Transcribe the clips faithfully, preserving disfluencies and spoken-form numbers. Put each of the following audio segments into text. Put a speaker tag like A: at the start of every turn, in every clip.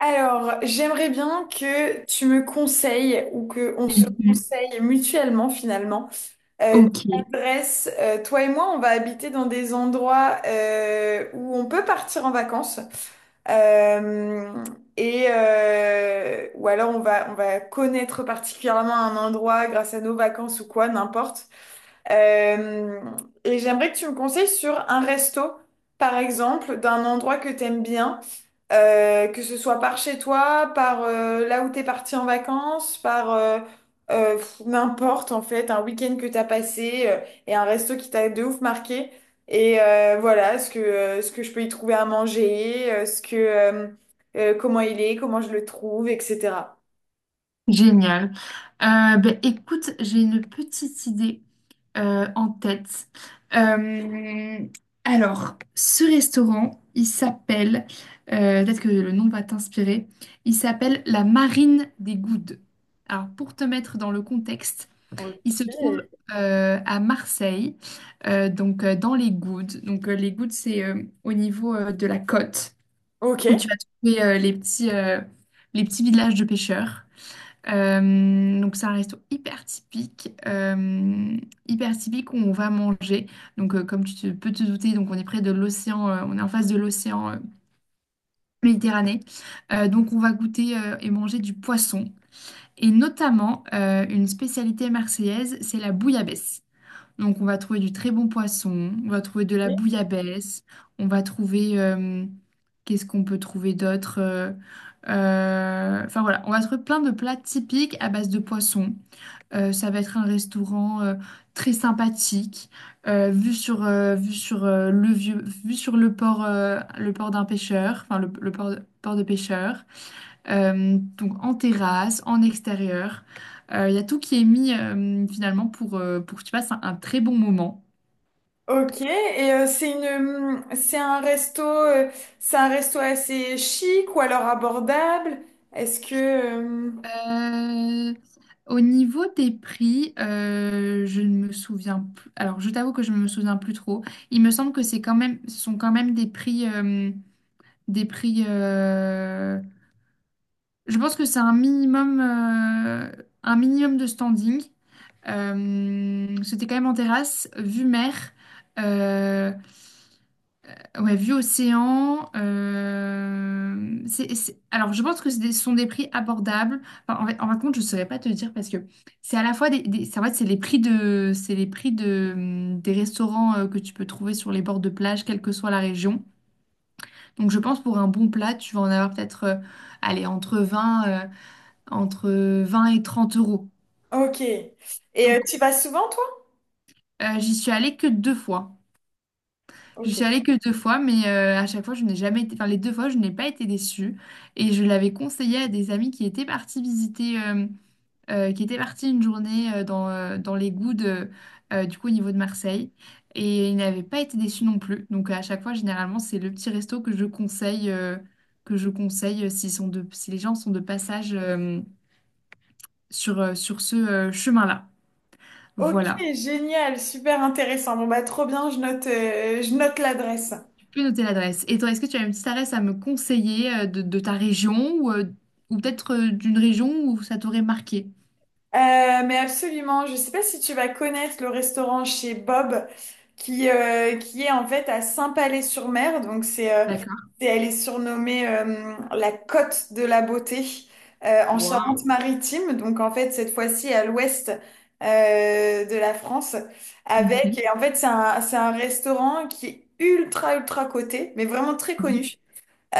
A: Alors, j'aimerais bien que tu me conseilles ou que on se
B: Mhm.
A: conseille mutuellement finalement euh, des
B: Ok,
A: adresses. Euh, toi et moi, on va habiter dans des endroits euh, où on peut partir en vacances Euh, et euh, ou alors on va on va connaître particulièrement un endroit grâce à nos vacances ou quoi, n'importe. Euh, et j'aimerais que tu me conseilles sur un resto, par exemple, d'un endroit que t'aimes bien, euh, que ce soit par chez toi, par euh, là où t'es parti en vacances, par euh, euh, pff, n'importe en fait, un week-end que t'as passé euh, et un resto qui t'a de ouf marqué. Et euh, voilà, ce que, euh, ce que je peux y trouver à manger, euh, ce que, euh, euh, comment il est, comment je le trouve, et cetera.
B: génial. Euh, ben, écoute, j'ai une petite idée euh, en tête. Euh, alors, ce restaurant, il s'appelle, euh, peut-être que le nom va t'inspirer, il s'appelle la Marine des Goudes. Alors, pour te mettre dans le contexte, il se
A: Ok.
B: trouve euh, à Marseille, euh, donc euh, dans les Goudes. Donc, euh, les Goudes, c'est euh, au niveau euh, de la côte,
A: Ok.
B: où tu vas trouver euh, les petits, euh, les petits villages de pêcheurs. Euh, donc c'est un resto hyper typique, euh, hyper typique où on va manger. Donc euh, comme tu te- peux te douter, donc on est près de l'océan, euh, on est en face de l'océan euh, Méditerranée. Euh, donc on va goûter euh, et manger du poisson. Et notamment euh, une spécialité marseillaise, c'est la bouillabaisse. Donc, on va trouver du très bon poisson, on va trouver de la bouillabaisse, on va trouver... euh, qu'est-ce qu'on peut trouver d'autre euh, euh, Enfin, voilà, on va trouver plein de plats typiques à base de poisson. Euh, ça va être un restaurant euh, très sympathique, euh, vu sur, euh, vu sur, euh, le vieux, vu sur le port, euh, le port d'un pêcheur, enfin le, le port, de port de pêcheur. Euh, donc en terrasse, en extérieur. Euh, Il y a tout qui est mis euh, finalement pour, euh, pour que tu passes un, un très bon moment.
A: Ok, et euh, c'est une, hum, c'est un resto, euh, c'est un resto assez chic ou alors abordable. Est-ce que, hum,
B: Euh, Au niveau des prix, euh, je ne me souviens plus. Alors je t'avoue que je ne me souviens plus trop. Il me semble que c'est quand même, ce sont quand même des prix, euh, des prix. euh, Je pense que c'est un minimum, euh, un minimum de standing. Euh, c'était quand même en terrasse, vue mer. Euh, Ouais, vue océan. euh, c'est, c'est- Alors, je pense que c'est des- ce sont des prix abordables. Enfin, en fait, en fin de compte, je ne saurais pas te dire parce que c'est à la fois des, des- c'est- en fait, c'est les prix de, c'est les prix de, hum, des restaurants euh, que tu peux trouver sur les bords de plage, quelle que soit la région. Donc, je pense pour un bon plat, tu vas en avoir peut-être, euh, allez, entre vingt, euh, entre vingt et trente euros.
A: ok. Et euh,
B: Donc,
A: tu vas souvent, toi?
B: euh, j'y suis allée que deux fois. Je
A: Ok.
B: suis allée que deux fois, mais euh, à chaque fois, je n'ai jamais été. Enfin, les deux fois, je n'ai pas été déçue. Et je l'avais conseillé à des amis qui étaient partis visiter, euh, euh, qui étaient partis une journée euh, dans, euh, dans les Goudes, euh, euh, du coup, au niveau de Marseille. Et ils n'avaient pas été déçus non plus. Donc, à chaque fois, généralement, c'est le petit resto que je conseille, euh, que je conseille euh, s'ils sont de, si les gens sont de passage euh, sur, euh, sur ce euh, chemin-là.
A: Ok,
B: Voilà.
A: génial, super intéressant. Bon bah trop bien, je note, euh, je note l'adresse.
B: Peux noter l'adresse. Et toi, est-ce que tu as une petite adresse à me conseiller euh, de, de ta région ou, euh, ou peut-être euh, d'une région où ça t'aurait marqué?
A: Euh, mais absolument, je ne sais pas si tu vas connaître le restaurant chez Bob qui, euh, qui est en fait à Saint-Palais-sur-Mer. Donc c'est, euh,
B: D'accord.
A: c'est- elle est surnommée euh, la Côte de la Beauté euh, en
B: Waouh.
A: Charente-Maritime. Donc en fait cette fois-ci à l'ouest euh, de la France avec
B: Mhm.
A: et en fait c'est un, c'est un restaurant qui est ultra ultra coté mais vraiment très
B: Mhm.
A: connu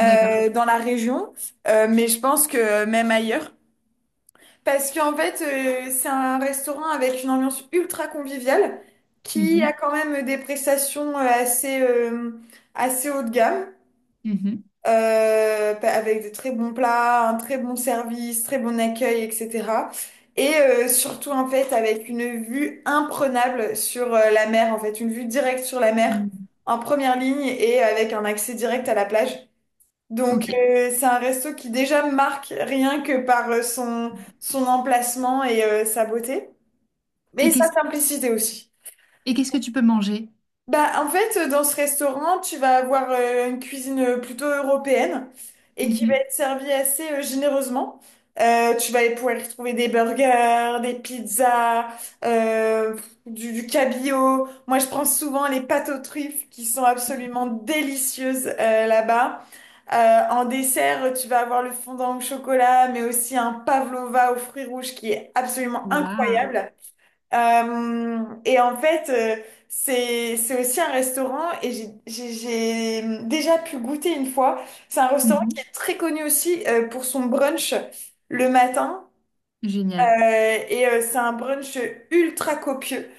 B: D'accord.
A: dans la région. Euh, mais je pense que même ailleurs. Parce qu'en fait, euh, c'est un restaurant avec une ambiance ultra conviviale qui
B: Mhm.
A: a quand même des prestations euh, assez, euh, assez haut de gamme,
B: Mhm.
A: euh, pa- avec des très bons plats, un très bon service, très bon accueil, et cetera. Et euh, surtout, en fait, avec une vue imprenable sur euh, la mer, en fait, une vue directe sur la mer
B: Mhm.
A: en première ligne et avec un accès direct à la plage. Donc,
B: Ok.
A: euh, c'est un resto qui déjà marque rien que par euh, son, son emplacement et euh, sa beauté, mais
B: Et
A: sa
B: qu'est-ce
A: simplicité aussi.
B: et qu'est-ce que tu peux manger?
A: Bah, en fait, euh, dans ce restaurant, tu vas avoir euh, une cuisine euh, plutôt européenne et qui va
B: Mhm.
A: être servie assez euh, généreusement. Euh, tu vas pouvoir y trouver des burgers, des pizzas, euh, du, du cabillaud. Moi, je prends souvent les pâtes aux truffes qui sont absolument délicieuses euh, là-bas. Euh, en dessert, tu vas avoir le fondant au chocolat, mais aussi un pavlova aux fruits rouges qui est absolument
B: Waouh.
A: incroyable. Euh, et en fait, euh, c'est c'est aussi un restaurant et j'ai j'ai- j'ai déjà pu goûter une fois. C'est un restaurant qui
B: Mhm.
A: est très connu aussi euh, pour son brunch le matin.
B: Génial.
A: Euh, et euh, c'est un brunch ultra copieux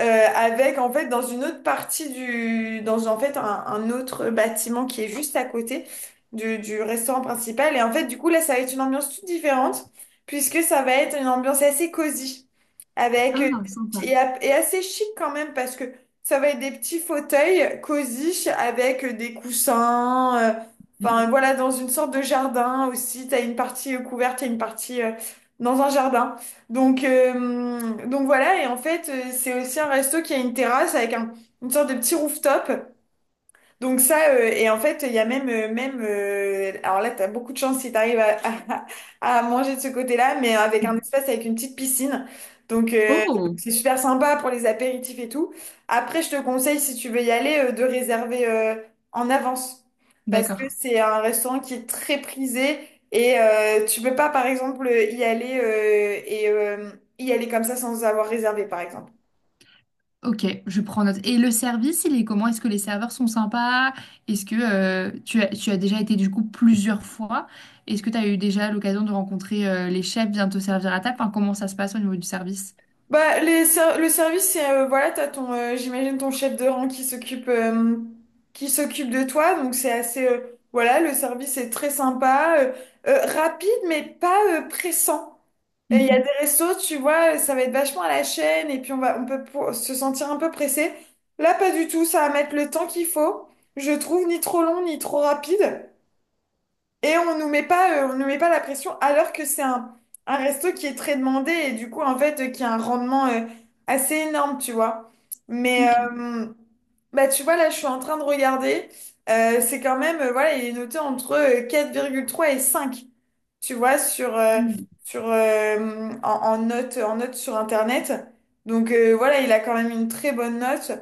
A: euh, avec en fait dans une autre partie du dans en fait un, un autre bâtiment qui est juste à côté du, du restaurant principal et en fait du coup là ça va être une ambiance toute différente puisque ça va être une ambiance assez cosy avec euh,
B: Ah, sympa.
A: et, a- et assez chic quand même parce que ça va être des petits fauteuils cosy avec euh, des coussins euh, enfin voilà dans une sorte de jardin aussi t'as une partie euh, couverte t'as une partie euh, dans un jardin donc, euh, donc voilà, et en fait, euh, c'est aussi un resto qui a une terrasse avec un- une sorte de petit rooftop. Donc ça, euh, et en fait, il y a même, euh, même euh, alors là, tu as beaucoup de chance si tu arrives à, à, manger de ce côté-là, mais avec un
B: Mhm.
A: espace avec une petite piscine. Donc euh, donc
B: Oh,
A: c'est super sympa pour les apéritifs et tout. Après, je te conseille, si tu veux y aller, euh, de réserver euh, en avance. Parce que
B: d'accord.
A: c'est un restaurant qui est très prisé et euh, tu peux pas, par exemple, y aller euh, et euh, y aller comme ça sans avoir réservé, par exemple.
B: Ok, je prends note. Et le service, il est comment? Est-ce que les serveurs sont sympas? Est-ce que euh, tu as, tu as déjà été du coup plusieurs fois? Est-ce que tu as eu déjà l'occasion de rencontrer euh, les chefs, bien te servir à table? Enfin, comment ça se passe au niveau du service?
A: Bah, les ser- le service, c'est euh, voilà, t'as ton, euh, j'imagine ton chef de rang qui s'occupe euh, qui s'occupe de toi, donc c'est assez euh, voilà, le service est très sympa, euh, euh, rapide mais pas euh, pressant. Et Il y a
B: Mhm.
A: des restos, tu vois, ça va être vachement à la chaîne et puis on va on peut pour- se sentir un peu pressé. Là, pas du tout, ça va mettre le temps qu'il faut, je trouve, ni trop long ni trop rapide. Et on nous met pas, euh, on nous met pas la pression alors que c'est un, un resto qui est très demandé et du coup, en fait, euh, qui a un rendement euh, assez énorme, tu vois. Mais
B: Ok.
A: euh, bah, tu vois, là, je suis en train de regarder. Euh, c'est quand même, euh, voilà, il est noté entre euh, quatre virgule trois et cinq, tu vois, sur, euh,
B: Mm.
A: sur, euh, en, en note, en note sur Internet. Donc euh, voilà, il a quand même une très bonne note.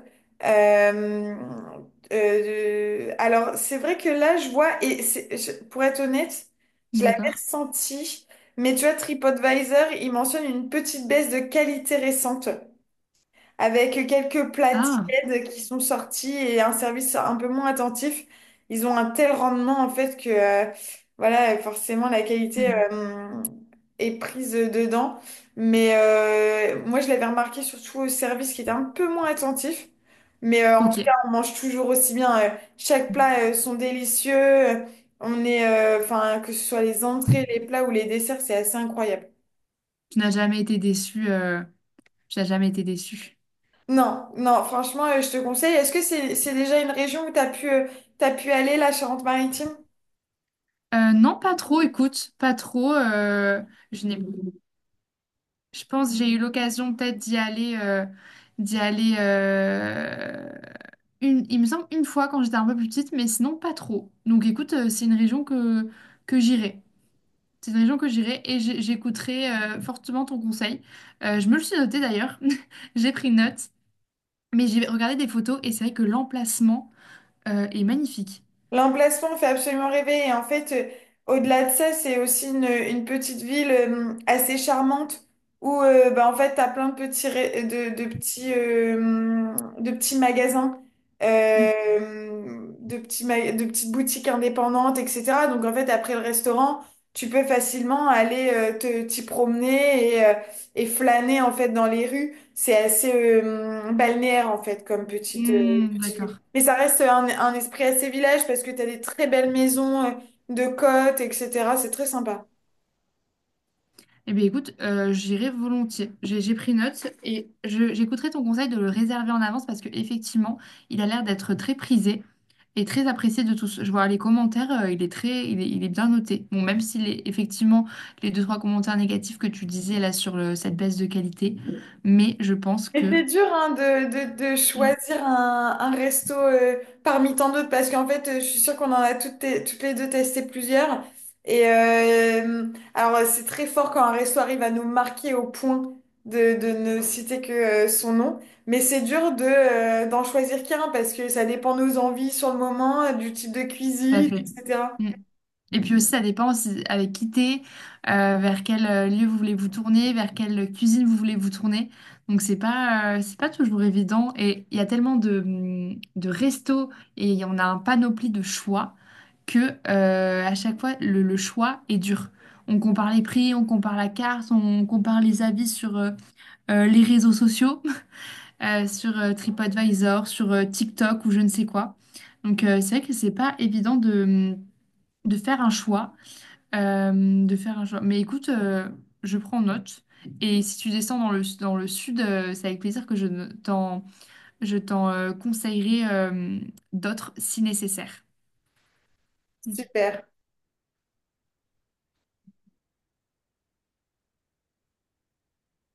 A: Euh, euh, alors, c'est vrai que là, je vois, et c'est- je- pour être honnête, je l'avais
B: D'accord.
A: ressenti, mais tu vois, TripAdvisor, il mentionne une petite baisse de qualité récente avec quelques plats
B: Ah,
A: tièdes qui sont sortis et un service un peu moins attentif. Ils ont un tel rendement en fait que euh, voilà, forcément la qualité
B: hmm,
A: euh, est prise dedans. Mais euh, moi je l'avais remarqué surtout au service qui était un peu moins attentif. Mais euh, en tout cas,
B: ok.
A: on mange toujours aussi bien. Euh, chaque plat euh, sont délicieux. On est, euh, enfin, que ce soit les entrées, les plats ou les desserts, c'est assez incroyable.
B: Tu n'as jamais été déçu. euh, Tu n'as jamais été déçu.
A: Non, non, franchement, euh, je te conseille. Est-ce que c'est c'est déjà une région où t'as pu, euh, t'as pu aller, la Charente-Maritime?
B: Euh, non, pas trop, écoute, pas trop. Euh, je n'ai Je pense que j'ai eu l'occasion peut-être d'y aller, euh, d'y aller euh, une, il me semble une fois quand j'étais un peu plus petite, mais sinon pas trop. Donc écoute, euh, c'est une région que, que j'irai. C'est une région que j'irai et j'ai- j'écouterai euh, fortement ton conseil. Euh, je me le suis noté d'ailleurs, j'ai pris note, mais j'ai regardé des photos et c'est vrai que l'emplacement euh, est magnifique.
A: L'emplacement fait absolument rêver. Et en fait, euh, au-delà de ça, c'est aussi une, une petite ville euh, assez charmante où euh, bah, en fait, tu as plein de petits, ré- de, de petits, euh, de petits magasins,
B: Mm.
A: euh, de petits ma- de petites boutiques indépendantes, et cetera. Donc en fait, après le restaurant, tu peux facilement aller euh, te, t'y promener et, euh, et flâner en fait dans les rues. C'est assez euh, balnéaire en fait comme petite, euh,
B: Mm,
A: petite ville.
B: d'accord.
A: Mais ça reste un, un esprit assez village parce que t'as des très belles maisons euh, de côte, et cetera. C'est très sympa.
B: Eh bien, écoute, euh, j'irai volontiers. J'ai j'ai pris note et je- j'écouterai ton conseil de le réserver en avance parce que effectivement, il a l'air d'être très prisé et très apprécié de tous. Je vois les commentaires, euh, il est très, il est, il est bien noté. Bon, même s'il est effectivement les deux, trois commentaires négatifs que tu disais là sur le- cette baisse de qualité, mais je pense
A: Et
B: que...
A: c'est dur hein, de, de, de
B: Mm.
A: choisir un, un resto euh, parmi tant d'autres parce qu'en fait, euh, je suis sûre qu'on en a toutes, te- toutes les deux testé plusieurs. Et euh, alors, euh, c'est très fort quand un resto arrive à nous marquer au point de, de ne citer que euh, son nom. Mais c'est dur de, euh, d'en choisir qu'un parce que ça dépend de nos envies sur le moment, euh, du type de
B: Tout à
A: cuisine,
B: fait.
A: et cetera.
B: Mm. Et puis aussi, ça dépend aussi avec qui t'es, euh, vers quel euh, lieu vous voulez vous tourner, vers quelle cuisine vous voulez vous tourner. Donc c'est pas, euh, c'est pas toujours évident. Et il y a tellement de, hum, de restos et on a un panoplie de choix que euh, à chaque fois le, le choix est dur. On compare les prix, on compare la carte, on compare les avis sur euh, euh, les réseaux sociaux, euh, sur euh, TripAdvisor, sur euh, TikTok ou je ne sais quoi. Donc euh, c'est vrai que c'est pas évident de, hum, de faire un choix. Euh, de faire un choix. Mais écoute, euh, je prends note. Et si tu descends dans le, dans le sud, euh, c'est avec plaisir que je ne- t'en, je t'en euh, conseillerai euh, d'autres si nécessaire.
A: Super.